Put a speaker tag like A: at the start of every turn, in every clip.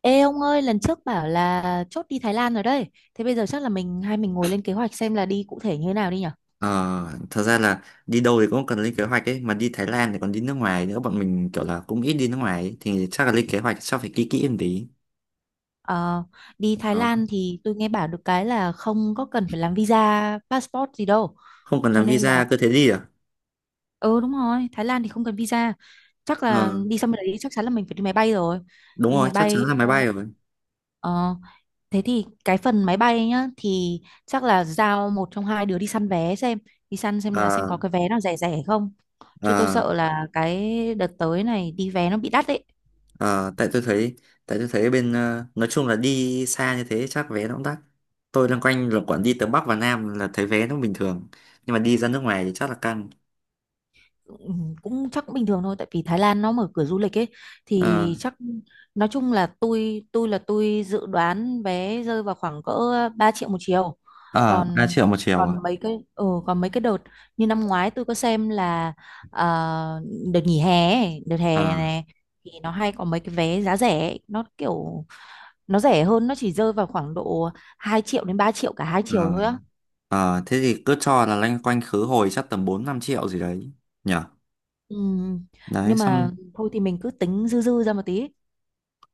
A: Ê ông ơi, lần trước bảo là chốt đi Thái Lan rồi đấy. Thế bây giờ chắc là mình hai ngồi lên kế hoạch xem là đi cụ thể như thế nào đi nhỉ?
B: Ờ, thật ra là đi đâu thì cũng cần lên kế hoạch ấy, mà đi Thái Lan thì còn đi nước ngoài nữa, bọn mình kiểu là cũng ít đi nước ngoài ấy. Thì chắc là lên kế hoạch chắc phải kỹ kỹ một tí.
A: Ờ, Đi Thái
B: Đó.
A: Lan thì tôi nghe bảo được cái là không có cần phải làm visa, passport gì đâu.
B: Không cần
A: Cho
B: làm
A: nên là,
B: visa cứ thế đi à?
A: ừ đúng rồi, Thái Lan thì không cần visa. Chắc
B: ờ,
A: là đi sang bên đấy chắc chắn là mình phải đi máy bay rồi.
B: Đúng
A: Đi
B: rồi,
A: máy
B: chắc chắn
A: bay
B: là máy bay rồi.
A: ờ, thế thì cái phần máy bay nhá thì chắc là giao một trong hai đứa đi săn vé xem đi săn xem là xem
B: ờ,
A: có cái vé nào rẻ rẻ không, chứ tôi
B: ờ,
A: sợ là cái đợt tới này đi vé nó bị đắt đấy.
B: ờ, tại tôi thấy tại tôi thấy bên, nói chung là đi xa như thế chắc vé nó cũng đắt. Tôi loanh quanh là quản đi từ Bắc và Nam là thấy vé nó bình thường, nhưng mà đi ra nước ngoài thì chắc là căng.
A: Ừ, cũng chắc cũng bình thường thôi tại vì Thái Lan nó mở cửa du lịch ấy,
B: ờ,
A: thì chắc nói chung là tôi là tôi dự đoán vé rơi vào khoảng cỡ 3 triệu một chiều.
B: ờ, 3
A: còn
B: triệu một chiều à?
A: còn mấy cái còn mấy cái đợt như năm ngoái tôi có xem là ờ, đợt nghỉ hè ấy, đợt
B: ờ,
A: hè này thì nó hay có mấy cái vé giá rẻ ấy. Nó kiểu nó rẻ hơn, nó chỉ rơi vào khoảng độ 2 triệu đến 3 triệu cả hai
B: ờ.
A: chiều thôi á.
B: Ờ, thế thì cứ cho là loanh quanh khứ hồi chắc tầm 4 5 triệu gì đấy nhỉ.
A: Ừ,
B: Đấy,
A: nhưng
B: xong
A: mà thôi thì mình cứ tính dư dư ra một tí.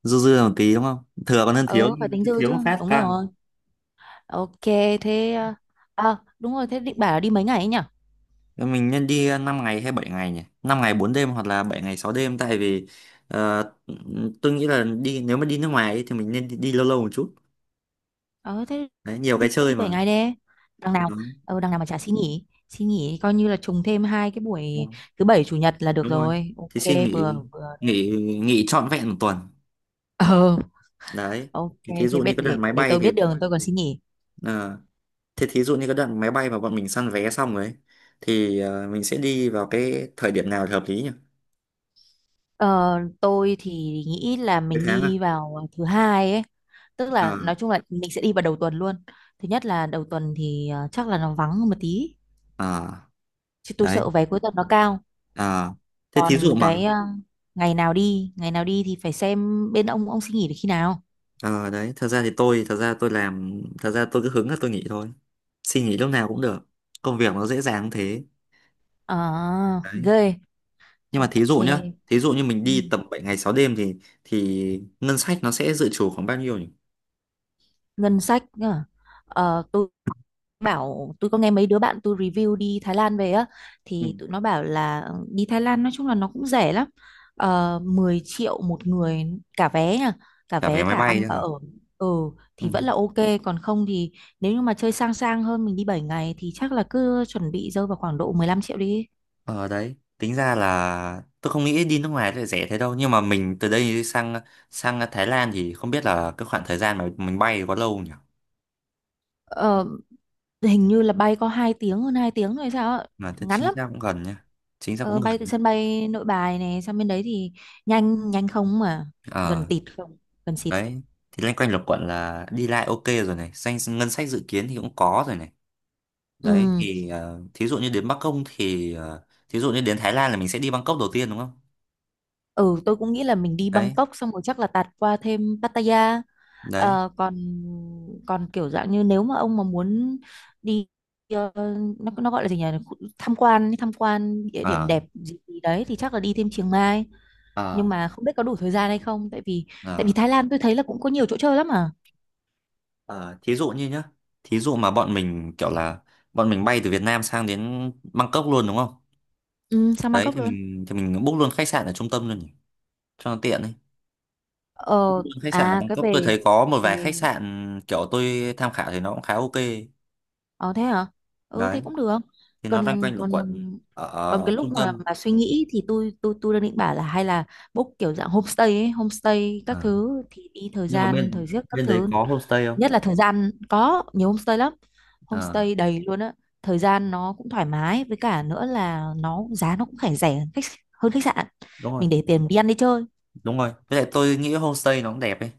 B: dư dư một tí đúng không? Thừa còn hơn thiếu,
A: Ừ, phải tính
B: cứ
A: dư
B: thiếu
A: chứ.
B: một phát
A: Đúng
B: căng.
A: rồi. Ok, thế... à, đúng rồi, thế định bảo là đi mấy ngày ấy nhỉ?
B: Thế mình nên đi 5 ngày hay 7 ngày nhỉ? Năm ngày 4 đêm hoặc là 7 ngày 6 đêm, tại vì ờ, tôi nghĩ là đi nếu mà đi nước ngoài ấy, thì mình nên đi lâu lâu một chút.
A: Ờ, thế
B: Đấy, nhiều cái
A: đi
B: chơi
A: 7
B: mà.
A: ngày đi. Đằng nào,
B: Đúng,
A: đằng nào mà chả xin nghỉ. Xin nghỉ coi như là trùng thêm hai cái buổi
B: đúng,
A: thứ bảy chủ nhật là được
B: đúng rồi.
A: rồi.
B: Thì xin
A: Ok,
B: nghỉ
A: vừa vừa.
B: nghỉ nghỉ trọn vẹn một tuần.
A: Ờ,
B: Đấy.
A: ok,
B: Thì thí
A: thế
B: dụ như
A: biết
B: cái đoạn máy
A: để
B: bay
A: tôi
B: thì,
A: biết đường tôi còn xin nghỉ.
B: ờ, thế thí dụ như cái đoạn máy bay mà bọn mình săn vé xong rồi ấy, thì mình sẽ đi vào cái thời điểm nào là hợp lý nhỉ?
A: Ờ, tôi thì nghĩ là
B: Mấy
A: mình
B: tháng à?
A: đi vào thứ hai ấy. Tức là
B: Ờ,
A: nói chung là mình sẽ đi vào đầu tuần luôn. Thứ nhất là đầu tuần thì chắc là nó vắng hơn một tí.
B: ờ,
A: Chứ tôi
B: đấy.
A: sợ vé cuối tuần nó cao.
B: Ờ. Thế thí
A: Còn
B: dụ mà,
A: cái ngày nào đi thì phải xem bên ông xin nghỉ được khi nào.
B: ờ đấy, thật ra tôi cứ hứng là tôi nghỉ thôi. Xin nghỉ lúc nào cũng được. Công việc nó dễ dàng thế.
A: À,
B: Đấy.
A: ghê.
B: Nhưng mà thí
A: Ok.
B: dụ nhá, thí dụ như mình
A: Ừ.
B: đi tầm 7 ngày 6 đêm thì ngân sách nó sẽ dự trù khoảng bao nhiêu nhỉ?
A: Ngân sách nhá. Ờ, tôi có nghe mấy đứa bạn tôi review đi Thái Lan về á
B: Ừ.
A: thì tụi nó bảo là ừ, đi Thái Lan nói chung là nó cũng rẻ lắm. Ờ, 10 triệu một người, cả vé nha, cả
B: Cả vé
A: vé
B: máy
A: cả
B: bay
A: ăn
B: chứ
A: cả
B: hả?
A: ở. Ừ
B: Ừ.
A: thì vẫn là ok, còn không thì nếu như mà chơi sang sang hơn mình đi 7 ngày thì chắc là cứ chuẩn bị rơi vào khoảng độ 15 triệu đi.
B: Ờ đấy, tính ra là tôi không nghĩ đi nước ngoài lại rẻ thế đâu, nhưng mà mình từ đây sang sang Thái Lan thì không biết là cái khoảng thời gian mà mình bay thì có lâu nhỉ?
A: Ờ, hình như là bay có 2 tiếng hơn 2 tiếng rồi sao ạ,
B: Mà thế
A: ngắn
B: chính
A: lắm.
B: xác cũng gần nhá. Chính xác
A: Ờ,
B: cũng
A: bay từ
B: gần.
A: sân bay Nội Bài này sang bên đấy thì nhanh nhanh không mà, gần
B: Ờ
A: tịt không, gần xịt.
B: đấy, thì loanh quanh lục quận là đi lại ok rồi này, danh ngân sách dự kiến thì cũng có rồi này.
A: Ừ.
B: Đấy thì thí dụ như đến Bắc Công thì thí dụ như đến Thái Lan là mình sẽ đi Bangkok đầu tiên đúng không?
A: Ừ tôi cũng nghĩ là mình đi
B: Đấy,
A: Bangkok xong rồi chắc là tạt qua thêm Pattaya.
B: đấy.
A: Ờ, còn còn kiểu dạng như nếu mà ông mà muốn đi ờ, nó gọi là gì nhỉ, tham quan, tham quan địa điểm
B: Ờ
A: đẹp gì gì đấy thì chắc là đi thêm Chiang Mai,
B: ờ
A: nhưng mà không biết có đủ thời gian hay không tại vì
B: ờ
A: tại vì Thái Lan tôi thấy là cũng có nhiều chỗ chơi lắm mà.
B: Ờ, thí dụ như nhá, thí dụ mà bọn mình kiểu là bọn mình bay từ Việt Nam sang đến Bangkok luôn đúng không?
A: Ừ, sang
B: Đấy
A: Bangkok
B: thì
A: luôn.
B: mình book luôn khách sạn ở trung tâm luôn nhỉ, cho nó tiện ấy. Book
A: Ờ,
B: luôn khách sạn ở
A: à, cái
B: Bangkok, tôi
A: về
B: thấy có một vài khách
A: về.
B: sạn kiểu tôi tham khảo thì nó cũng khá ok.
A: Ờ thế hả? Ừ thế
B: Đấy,
A: cũng được.
B: thì nó loanh
A: Còn
B: quanh luẩn
A: còn
B: quẩn ở
A: còn
B: ở
A: cái
B: trung
A: lúc
B: tâm.
A: mà suy nghĩ thì tôi đang định bảo là hay là book kiểu dạng homestay ấy, homestay các
B: Ờ,
A: thứ thì đi thời
B: nhưng mà
A: gian,
B: bên
A: thời giấc các
B: bên đấy
A: thứ.
B: có homestay
A: Thứ
B: không?
A: nhất là thời gian có nhiều homestay lắm.
B: Ờ,
A: Homestay đầy luôn á. Thời gian nó cũng thoải mái, với cả nữa là nó giá nó cũng phải rẻ hơn khách, hơn khách sạn.
B: đúng rồi,
A: Mình để tiền đi ăn đi chơi.
B: đúng rồi. Với lại tôi nghĩ homestay nó cũng đẹp ấy.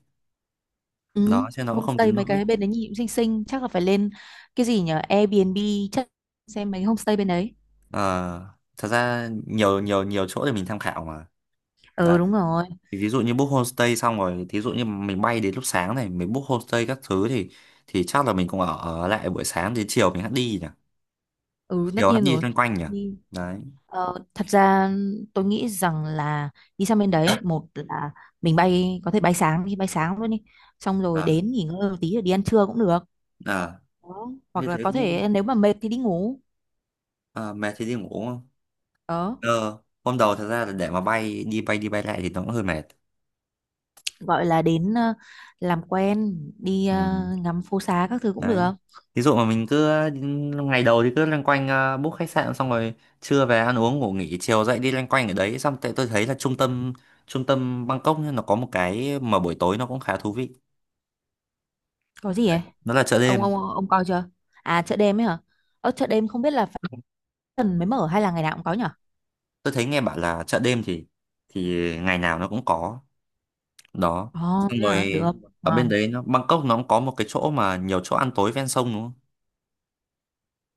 A: Ừ,
B: Đó, chứ nó cũng không
A: homestay
B: đến
A: mấy
B: nỗi.
A: cái bên đấy nhìn cũng xinh xinh, chắc là phải lên cái gì nhỉ? Airbnb, chắc xem mấy homestay bên đấy.
B: Ờ, thật ra nhiều nhiều nhiều chỗ để mình tham khảo mà. Đấy.
A: Ừ đúng rồi.
B: Thì thí dụ như book homestay xong rồi, thí dụ như mình bay đến lúc sáng này, mình book homestay các thứ thì chắc là mình cũng ở lại buổi sáng, đến chiều mình hãng đi nhỉ.
A: Ừ tất
B: Chiều hãng
A: nhiên
B: đi
A: rồi.
B: loanh quanh nhỉ.
A: Đi
B: Đấy.
A: thật ra tôi nghĩ rằng là đi sang bên đấy một là mình bay có thể bay sáng đi, bay sáng luôn đi. Xong rồi
B: À,
A: đến nghỉ ngơi một tí rồi đi ăn trưa cũng được.
B: à,
A: Đó. Hoặc
B: như
A: là
B: thế
A: có
B: cũng,
A: thể nếu mà mệt thì đi ngủ.
B: à, mệt thì đi ngủ không?
A: Đó,
B: ờ Hôm đầu thật ra là để mà bay đi bay lại thì nó cũng hơi mệt.
A: gọi là đến làm quen, đi
B: Ừ.
A: ngắm phố xá các thứ cũng
B: Đấy.
A: được.
B: Ví dụ mà mình cứ, ngày đầu thì cứ loanh quanh, book khách sạn xong rồi trưa về ăn uống ngủ nghỉ, chiều dậy đi loanh quanh ở đấy. Xong tại tôi thấy là trung tâm Bangkok ấy, nó có một cái mà buổi tối nó cũng khá thú vị.
A: Có gì
B: Đấy.
A: ấy?
B: Nó là chợ
A: Ông
B: đêm.
A: ông ông coi chưa? À chợ đêm ấy hả? Ở chợ đêm không biết là phải tuần mới mở hay là ngày nào cũng có nhỉ?
B: Tôi thấy nghe bảo là chợ đêm thì ngày nào nó cũng có. Đó.
A: Ồ,
B: Xong
A: thế à,
B: rồi
A: được,
B: ở bên
A: ngon.
B: đấy nó, Bangkok nó cũng có một cái chỗ mà nhiều chỗ ăn tối ven sông đúng không?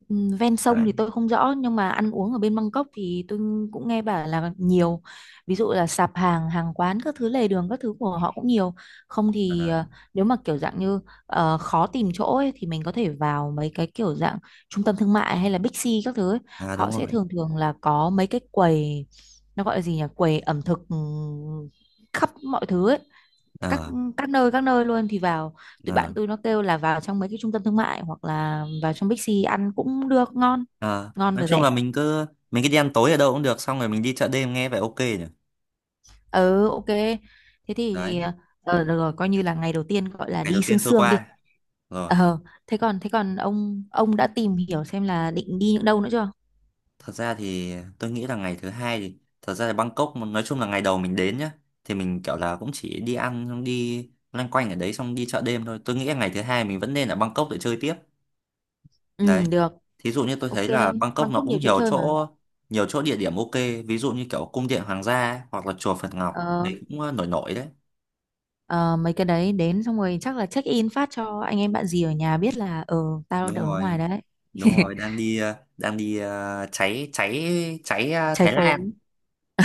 A: Ừ, ven sông
B: Đấy,
A: thì tôi không rõ nhưng mà ăn uống ở bên Bangkok thì tôi cũng nghe bảo là nhiều, ví dụ là sạp hàng, hàng quán các thứ, lề đường các thứ của họ cũng nhiều. Không
B: ở
A: thì
B: đấy.
A: nếu mà kiểu dạng như khó tìm chỗ ấy, thì mình có thể vào mấy cái kiểu dạng trung tâm thương mại hay là Big C các thứ ấy.
B: À,
A: Họ
B: đúng
A: sẽ
B: rồi.
A: thường thường là có mấy cái quầy, nó gọi là gì nhỉ, quầy ẩm thực, ừ, khắp mọi thứ ấy, các
B: ờ
A: các nơi, các nơi luôn thì vào. Tụi
B: ờ
A: bạn tôi nó kêu là vào trong mấy cái trung tâm thương mại hoặc là vào trong Bixi ăn cũng được, ngon,
B: Ờ,
A: ngon
B: nói
A: và
B: chung
A: rẻ.
B: là mình cứ đi ăn tối ở đâu cũng được, xong rồi mình đi chợ đêm, nghe vậy ok nhỉ.
A: Ừ, ok. Thế
B: Đấy,
A: thì được rồi, coi như là ngày đầu tiên gọi là
B: ngày
A: đi
B: đầu
A: sương
B: tiên trôi
A: sương đi.
B: qua rồi.
A: Ờ thế còn ông đã tìm hiểu xem là định đi những đâu nữa chưa?
B: Thật ra thì tôi nghĩ là ngày thứ hai, thì thật ra là Bangkok nói chung là ngày đầu mình đến nhá, thì mình kiểu là cũng chỉ đi ăn xong đi loanh quanh ở đấy xong đi chợ đêm thôi. Tôi nghĩ là ngày thứ hai mình vẫn nên ở Bangkok để chơi tiếp.
A: Ừ
B: Đấy,
A: được.
B: thí dụ như tôi
A: Ok,
B: thấy là Bangkok nó
A: Bangkok
B: cũng
A: nhiều chỗ
B: nhiều
A: chơi mà.
B: chỗ nhiều chỗ địa điểm ok. Ví dụ như kiểu cung điện hoàng gia ấy, hoặc là chùa Phật Ngọc
A: Ờ,
B: thì cũng, nổi nổi đấy.
A: ờ, mấy cái đấy đến xong rồi chắc là check in phát cho anh em bạn gì ở nhà biết là ờ, tao
B: Đúng
A: đang ở nước ngoài
B: rồi,
A: đấy.
B: đúng rồi, đang đi, đang đi ờ, cháy cháy, cháy
A: Trái
B: Thái
A: phố.
B: Lan,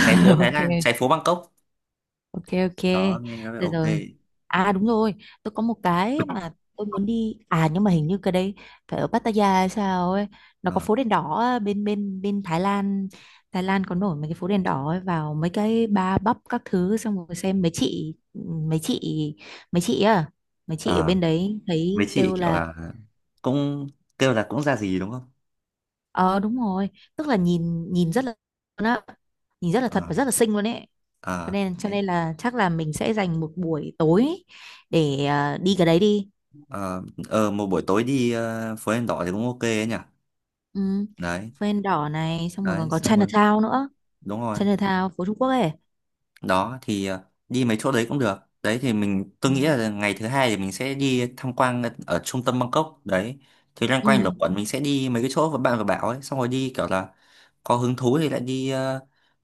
B: cháy phố Thái
A: Ok.
B: Lan, cháy phố Bangkok.
A: Ok, ok.
B: Đó, nghe có vẻ
A: Được
B: ok.
A: rồi. À đúng rồi, tôi có một cái mà tôi muốn đi. À nhưng mà hình như cái đấy phải ở Pattaya hay sao ấy. Nó có
B: Ờ,
A: phố đèn đỏ á, bên bên bên Thái Lan. Thái Lan có nổi mấy cái phố đèn đỏ ấy, vào mấy cái bar bắp các thứ xong rồi xem mấy chị mấy chị à mấy chị ở
B: ờ,
A: bên đấy
B: mấy
A: thấy
B: chị
A: kêu
B: kiểu
A: là.
B: là cũng kêu là cũng ra gì đúng không?
A: Ờ đúng rồi, tức là nhìn nhìn rất là, nó nhìn rất là
B: ờ
A: thật và rất là xinh luôn ấy.
B: ờ
A: Cho
B: Đấy.
A: nên là chắc là mình sẽ dành một buổi tối để à, đi cái đấy đi.
B: ờ Một buổi tối đi, phố đèn đỏ thì cũng ok ấy nhỉ.
A: Ừ.
B: Đấy,
A: Phên đỏ này xong rồi còn
B: đấy,
A: có
B: xong rồi
A: Chinatown nữa.
B: đúng rồi.
A: Chinatown phố Trung Quốc ấy.
B: Đó thì, đi mấy chỗ đấy cũng được đấy. Thì mình
A: Ừ.
B: tôi nghĩ là ngày thứ hai thì mình sẽ đi tham quan ở trung tâm Bangkok. Đấy, thì loanh quanh, ừ, ở
A: Ừ.
B: quận mình sẽ đi mấy cái chỗ mà bạn vừa bảo ấy, xong rồi đi kiểu là có hứng thú thì lại đi,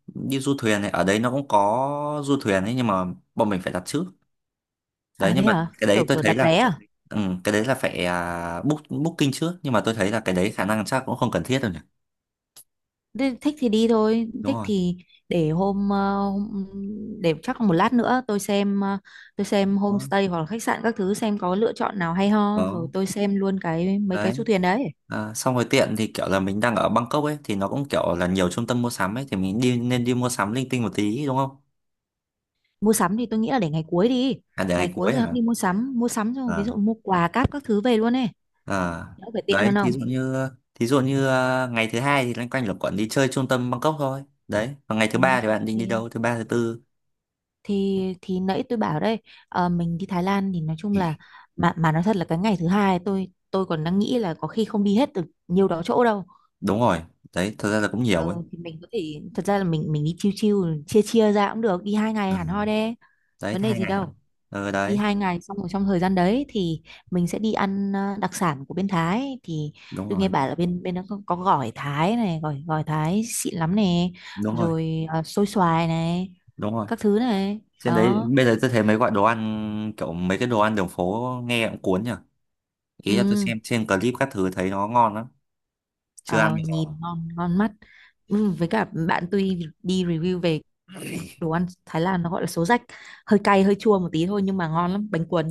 B: đi du thuyền này. Ở đấy nó cũng có du thuyền ấy, nhưng mà bọn mình phải đặt trước. Đấy,
A: À thế
B: nhưng mà
A: hả?
B: cái đấy
A: Kiểu
B: tôi
A: kiểu
B: thấy
A: đặt
B: là,
A: vé à?
B: ừ, cái đấy là phải, booking trước. Nhưng mà tôi thấy là cái đấy khả năng chắc cũng không cần thiết đâu nhỉ.
A: Thế thích thì đi thôi,
B: Đúng
A: thích
B: rồi.
A: thì để hôm, hôm, để chắc một lát nữa tôi xem tôi xem
B: Đó,
A: homestay hoặc là khách sạn các thứ xem có lựa chọn nào hay ho rồi
B: đó.
A: tôi xem luôn cái mấy cái du
B: Đấy.
A: thuyền đấy.
B: À, xong rồi tiện thì kiểu là mình đang ở Bangkok ấy, thì nó cũng kiểu là nhiều trung tâm mua sắm ấy, thì mình nên đi mua sắm linh tinh một tí đúng không?
A: Mua sắm thì tôi nghĩ là để ngày cuối đi.
B: À, để
A: Ngày
B: ngày
A: cuối
B: cuối
A: rồi hẵng
B: hả?
A: đi mua sắm xong ví
B: À,
A: dụ mua quà cáp các thứ về luôn ấy.
B: à.
A: Đỡ phải tiện
B: Đấy,
A: hơn
B: thí dụ
A: không?
B: như ngày thứ hai thì loanh quanh luẩn quẩn đi chơi trung tâm Bangkok thôi. Đấy, còn ngày thứ
A: Ừ,
B: ba thì bạn định đi
A: ok.
B: đâu? Thứ ba thứ tư.
A: Thì nãy tôi bảo đây, ờ, mình đi Thái Lan thì nói chung
B: Ừ.
A: là, mà nói thật là cái ngày thứ hai tôi còn đang nghĩ là có khi không đi hết được nhiều đó chỗ đâu.
B: Đúng rồi. Đấy, thật ra là cũng nhiều ấy.
A: Ờ, thì mình có thể thật ra là mình đi chiêu chiêu chia chia ra cũng được, đi hai ngày
B: Ừ.
A: hẳn hoi đấy,
B: Đấy,
A: vấn đề
B: hai
A: gì
B: ngày hả?
A: đâu.
B: Ừ
A: Đi
B: đấy,
A: hai ngày xong rồi trong thời gian đấy thì mình sẽ đi ăn đặc sản của bên Thái thì
B: đúng
A: tôi
B: rồi.
A: nghe bảo là bên bên đó có gỏi Thái này, gỏi gỏi Thái xịn lắm này,
B: Đúng rồi,
A: rồi ờ, xôi xoài này,
B: đúng rồi.
A: các thứ này.
B: Trên đấy
A: Đó
B: bây giờ tôi thấy mấy gọi đồ ăn kiểu mấy cái đồ ăn đường phố nghe cũng cuốn nhỉ. Ý là tôi
A: ừ,
B: xem trên clip các thứ thấy nó ngon lắm, chưa ăn
A: ờ,
B: bao giờ.
A: nhìn ngon ngon mắt. Ừ, với cả bạn tôi đi review về đồ ăn Thái Lan nó gọi là số rách, hơi cay hơi chua một tí thôi nhưng mà ngon lắm bánh cuốn.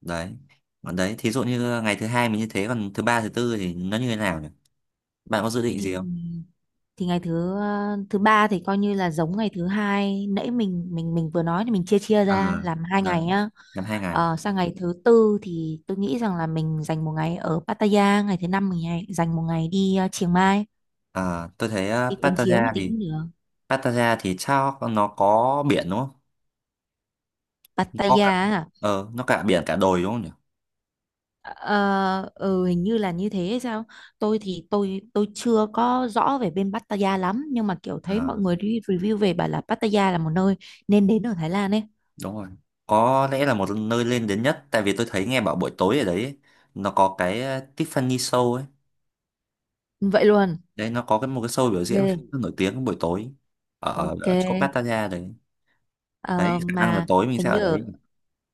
B: Đấy, còn đấy thí dụ như ngày thứ hai mình như thế, còn thứ ba thứ tư thì nó như thế nào nhỉ? Bạn có dự định
A: thì
B: gì không?
A: thì ngày thứ thứ ba thì coi như là giống ngày thứ hai nãy mình vừa nói, thì mình chia chia
B: À,
A: ra làm hai ngày
B: đấy,
A: nhá.
B: năm hai ngày.
A: Ờ, sang ngày thứ tư thì tôi nghĩ rằng là mình dành một ngày ở Pattaya, ngày thứ năm mình dành một ngày đi Chiang Mai,
B: À, tôi thấy,
A: đi cuốn chiếu một
B: Pattaya
A: tí
B: thì,
A: cũng được.
B: Pattaya thì sao, nó có biển đúng không? Có cả,
A: Pattaya, à?
B: nó cả biển cả đồi đúng không nhỉ?
A: Ờ, ừ, hình như là như thế hay sao. Tôi thì tôi chưa có rõ về bên Pattaya lắm, nhưng mà kiểu thấy
B: À,
A: mọi người đi review về bảo là Pattaya là một nơi nên đến ở Thái Lan ấy.
B: đúng rồi, có lẽ là một nơi lên đến nhất, tại vì tôi thấy nghe bảo buổi tối ở đấy ấy, nó có cái, Tiffany Show ấy.
A: Vậy luôn,
B: Đấy, nó có một cái show biểu
A: ghê.
B: diễn khá là nổi tiếng buổi tối ở,
A: Ok,
B: ở chỗ Pattaya đấy. Đấy,
A: ờ,
B: khả năng là
A: mà
B: tối mình sẽ
A: hình
B: ở
A: như ở
B: đấy.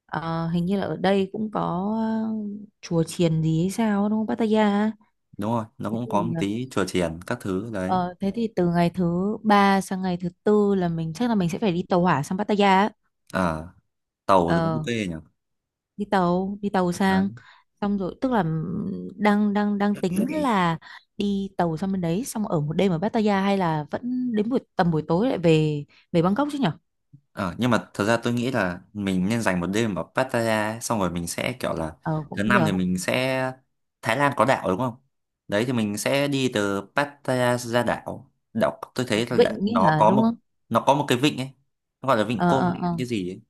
A: hình như là ở đây cũng có ờ, chùa chiền gì hay sao đúng không, Pattaya á?
B: Đúng rồi, nó
A: Thế
B: cũng có một
A: thì
B: tí chùa chiền các thứ đấy.
A: ờ, thế thì từ ngày thứ ba sang ngày thứ tư là chắc là mình sẽ phải đi tàu hỏa sang Pattaya á.
B: À, tàu thì cũng
A: Ờ,
B: ok
A: đi tàu, đi tàu sang, xong rồi tức là đang đang đang
B: nhỉ.
A: tính
B: Đấy,
A: là đi tàu sang bên đấy xong ở một đêm ở Pattaya hay là vẫn đến buổi, tầm buổi tối lại về, về Bangkok chứ nhở?
B: ờ, nhưng mà thật ra tôi nghĩ là mình nên dành một đêm ở Pattaya ấy, xong rồi mình sẽ kiểu là
A: Ờ cũng
B: thứ năm
A: được.
B: thì mình sẽ, Thái Lan có đảo đúng không? Đấy thì mình sẽ đi từ Pattaya ra đảo. Đảo tôi thấy là
A: Vịnh ấy
B: nó
A: hả
B: có
A: đúng
B: một,
A: không?
B: nó có một cái vịnh ấy, nó gọi là vịnh Koh Lan
A: Ờ.
B: cái gì ấy.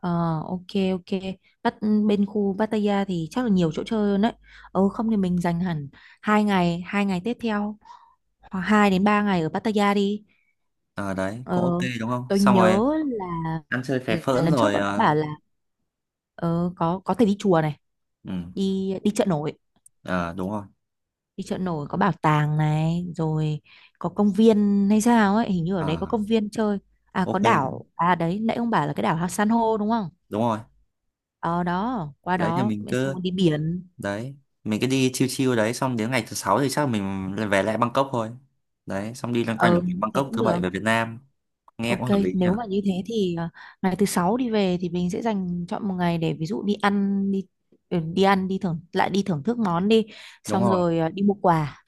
A: Ờ, ok, ok. Bắt bên khu Pattaya thì chắc là nhiều chỗ chơi hơn đấy. Ừ không thì mình dành hẳn hai ngày tiếp theo, hoặc hai đến ba ngày ở Pattaya đi.
B: Ờ, đấy
A: Ờ,
B: cũng ok đúng không?
A: tôi
B: Xong rồi
A: nhớ
B: ăn chơi phè
A: là
B: phỡn
A: lần trước
B: rồi,
A: bọn nó bảo là ờ, có thể đi chùa này,
B: ừ,
A: đi đi chợ nổi,
B: ờ, đúng rồi.
A: đi chợ nổi, có bảo tàng này, rồi có công viên hay sao ấy, hình như ở đấy có
B: Ờ
A: công viên chơi. À có
B: ok,
A: đảo, à đấy nãy ông bảo là cái đảo San Hô đúng không.
B: đúng rồi.
A: Ờ đó qua
B: Đấy thì
A: đó
B: mình
A: xong
B: cứ,
A: rồi đi biển.
B: đấy, mình cứ đi chill chill. Đấy, xong đến ngày thứ sáu thì chắc mình lại về lại Bangkok thôi. Đấy, xong đi loanh quanh ở
A: Ừ, thế
B: Bangkok,
A: cũng
B: thứ
A: được.
B: bảy về Việt Nam. Nghe
A: Ok,
B: cũng hợp lý nhỉ?
A: nếu mà như thế thì à, ngày thứ sáu đi về thì mình sẽ dành chọn một ngày để ví dụ đi ăn đi, ừ, đi ăn đi thưởng lại, đi thưởng thức món đi,
B: Đúng
A: xong
B: rồi.
A: rồi à, đi mua quà,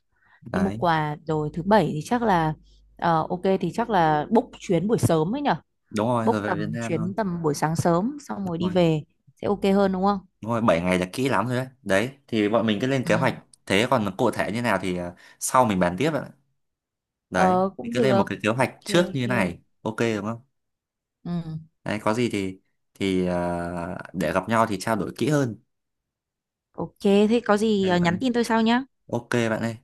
A: đi mua
B: Đấy,
A: quà, rồi thứ bảy thì chắc là ờ, ok thì chắc là book chuyến buổi sớm ấy nhở,
B: đúng rồi,
A: book
B: rồi về
A: tầm
B: Việt Nam thôi.
A: chuyến tầm buổi sáng sớm xong
B: Đúng
A: rồi đi
B: rồi.
A: về sẽ ok hơn đúng không?
B: Đúng rồi, 7 ngày là kỹ lắm rồi đấy. Đấy, thì bọn mình cứ lên
A: Ừ.
B: kế hoạch. Thế còn cụ thể như nào thì, sau mình bàn tiếp ạ. Đấy,
A: Ờ cũng
B: cứ lên một
A: được.
B: cái kế
A: Ok
B: hoạch trước như
A: ok.
B: thế này. Ok đúng không?
A: Ừ.
B: Đấy, có gì thì để gặp nhau thì trao đổi kỹ hơn.
A: Ok thế có gì
B: Đây,
A: à, nhắn
B: bạn.
A: tin tôi sau nhá.
B: Ok bạn ơi.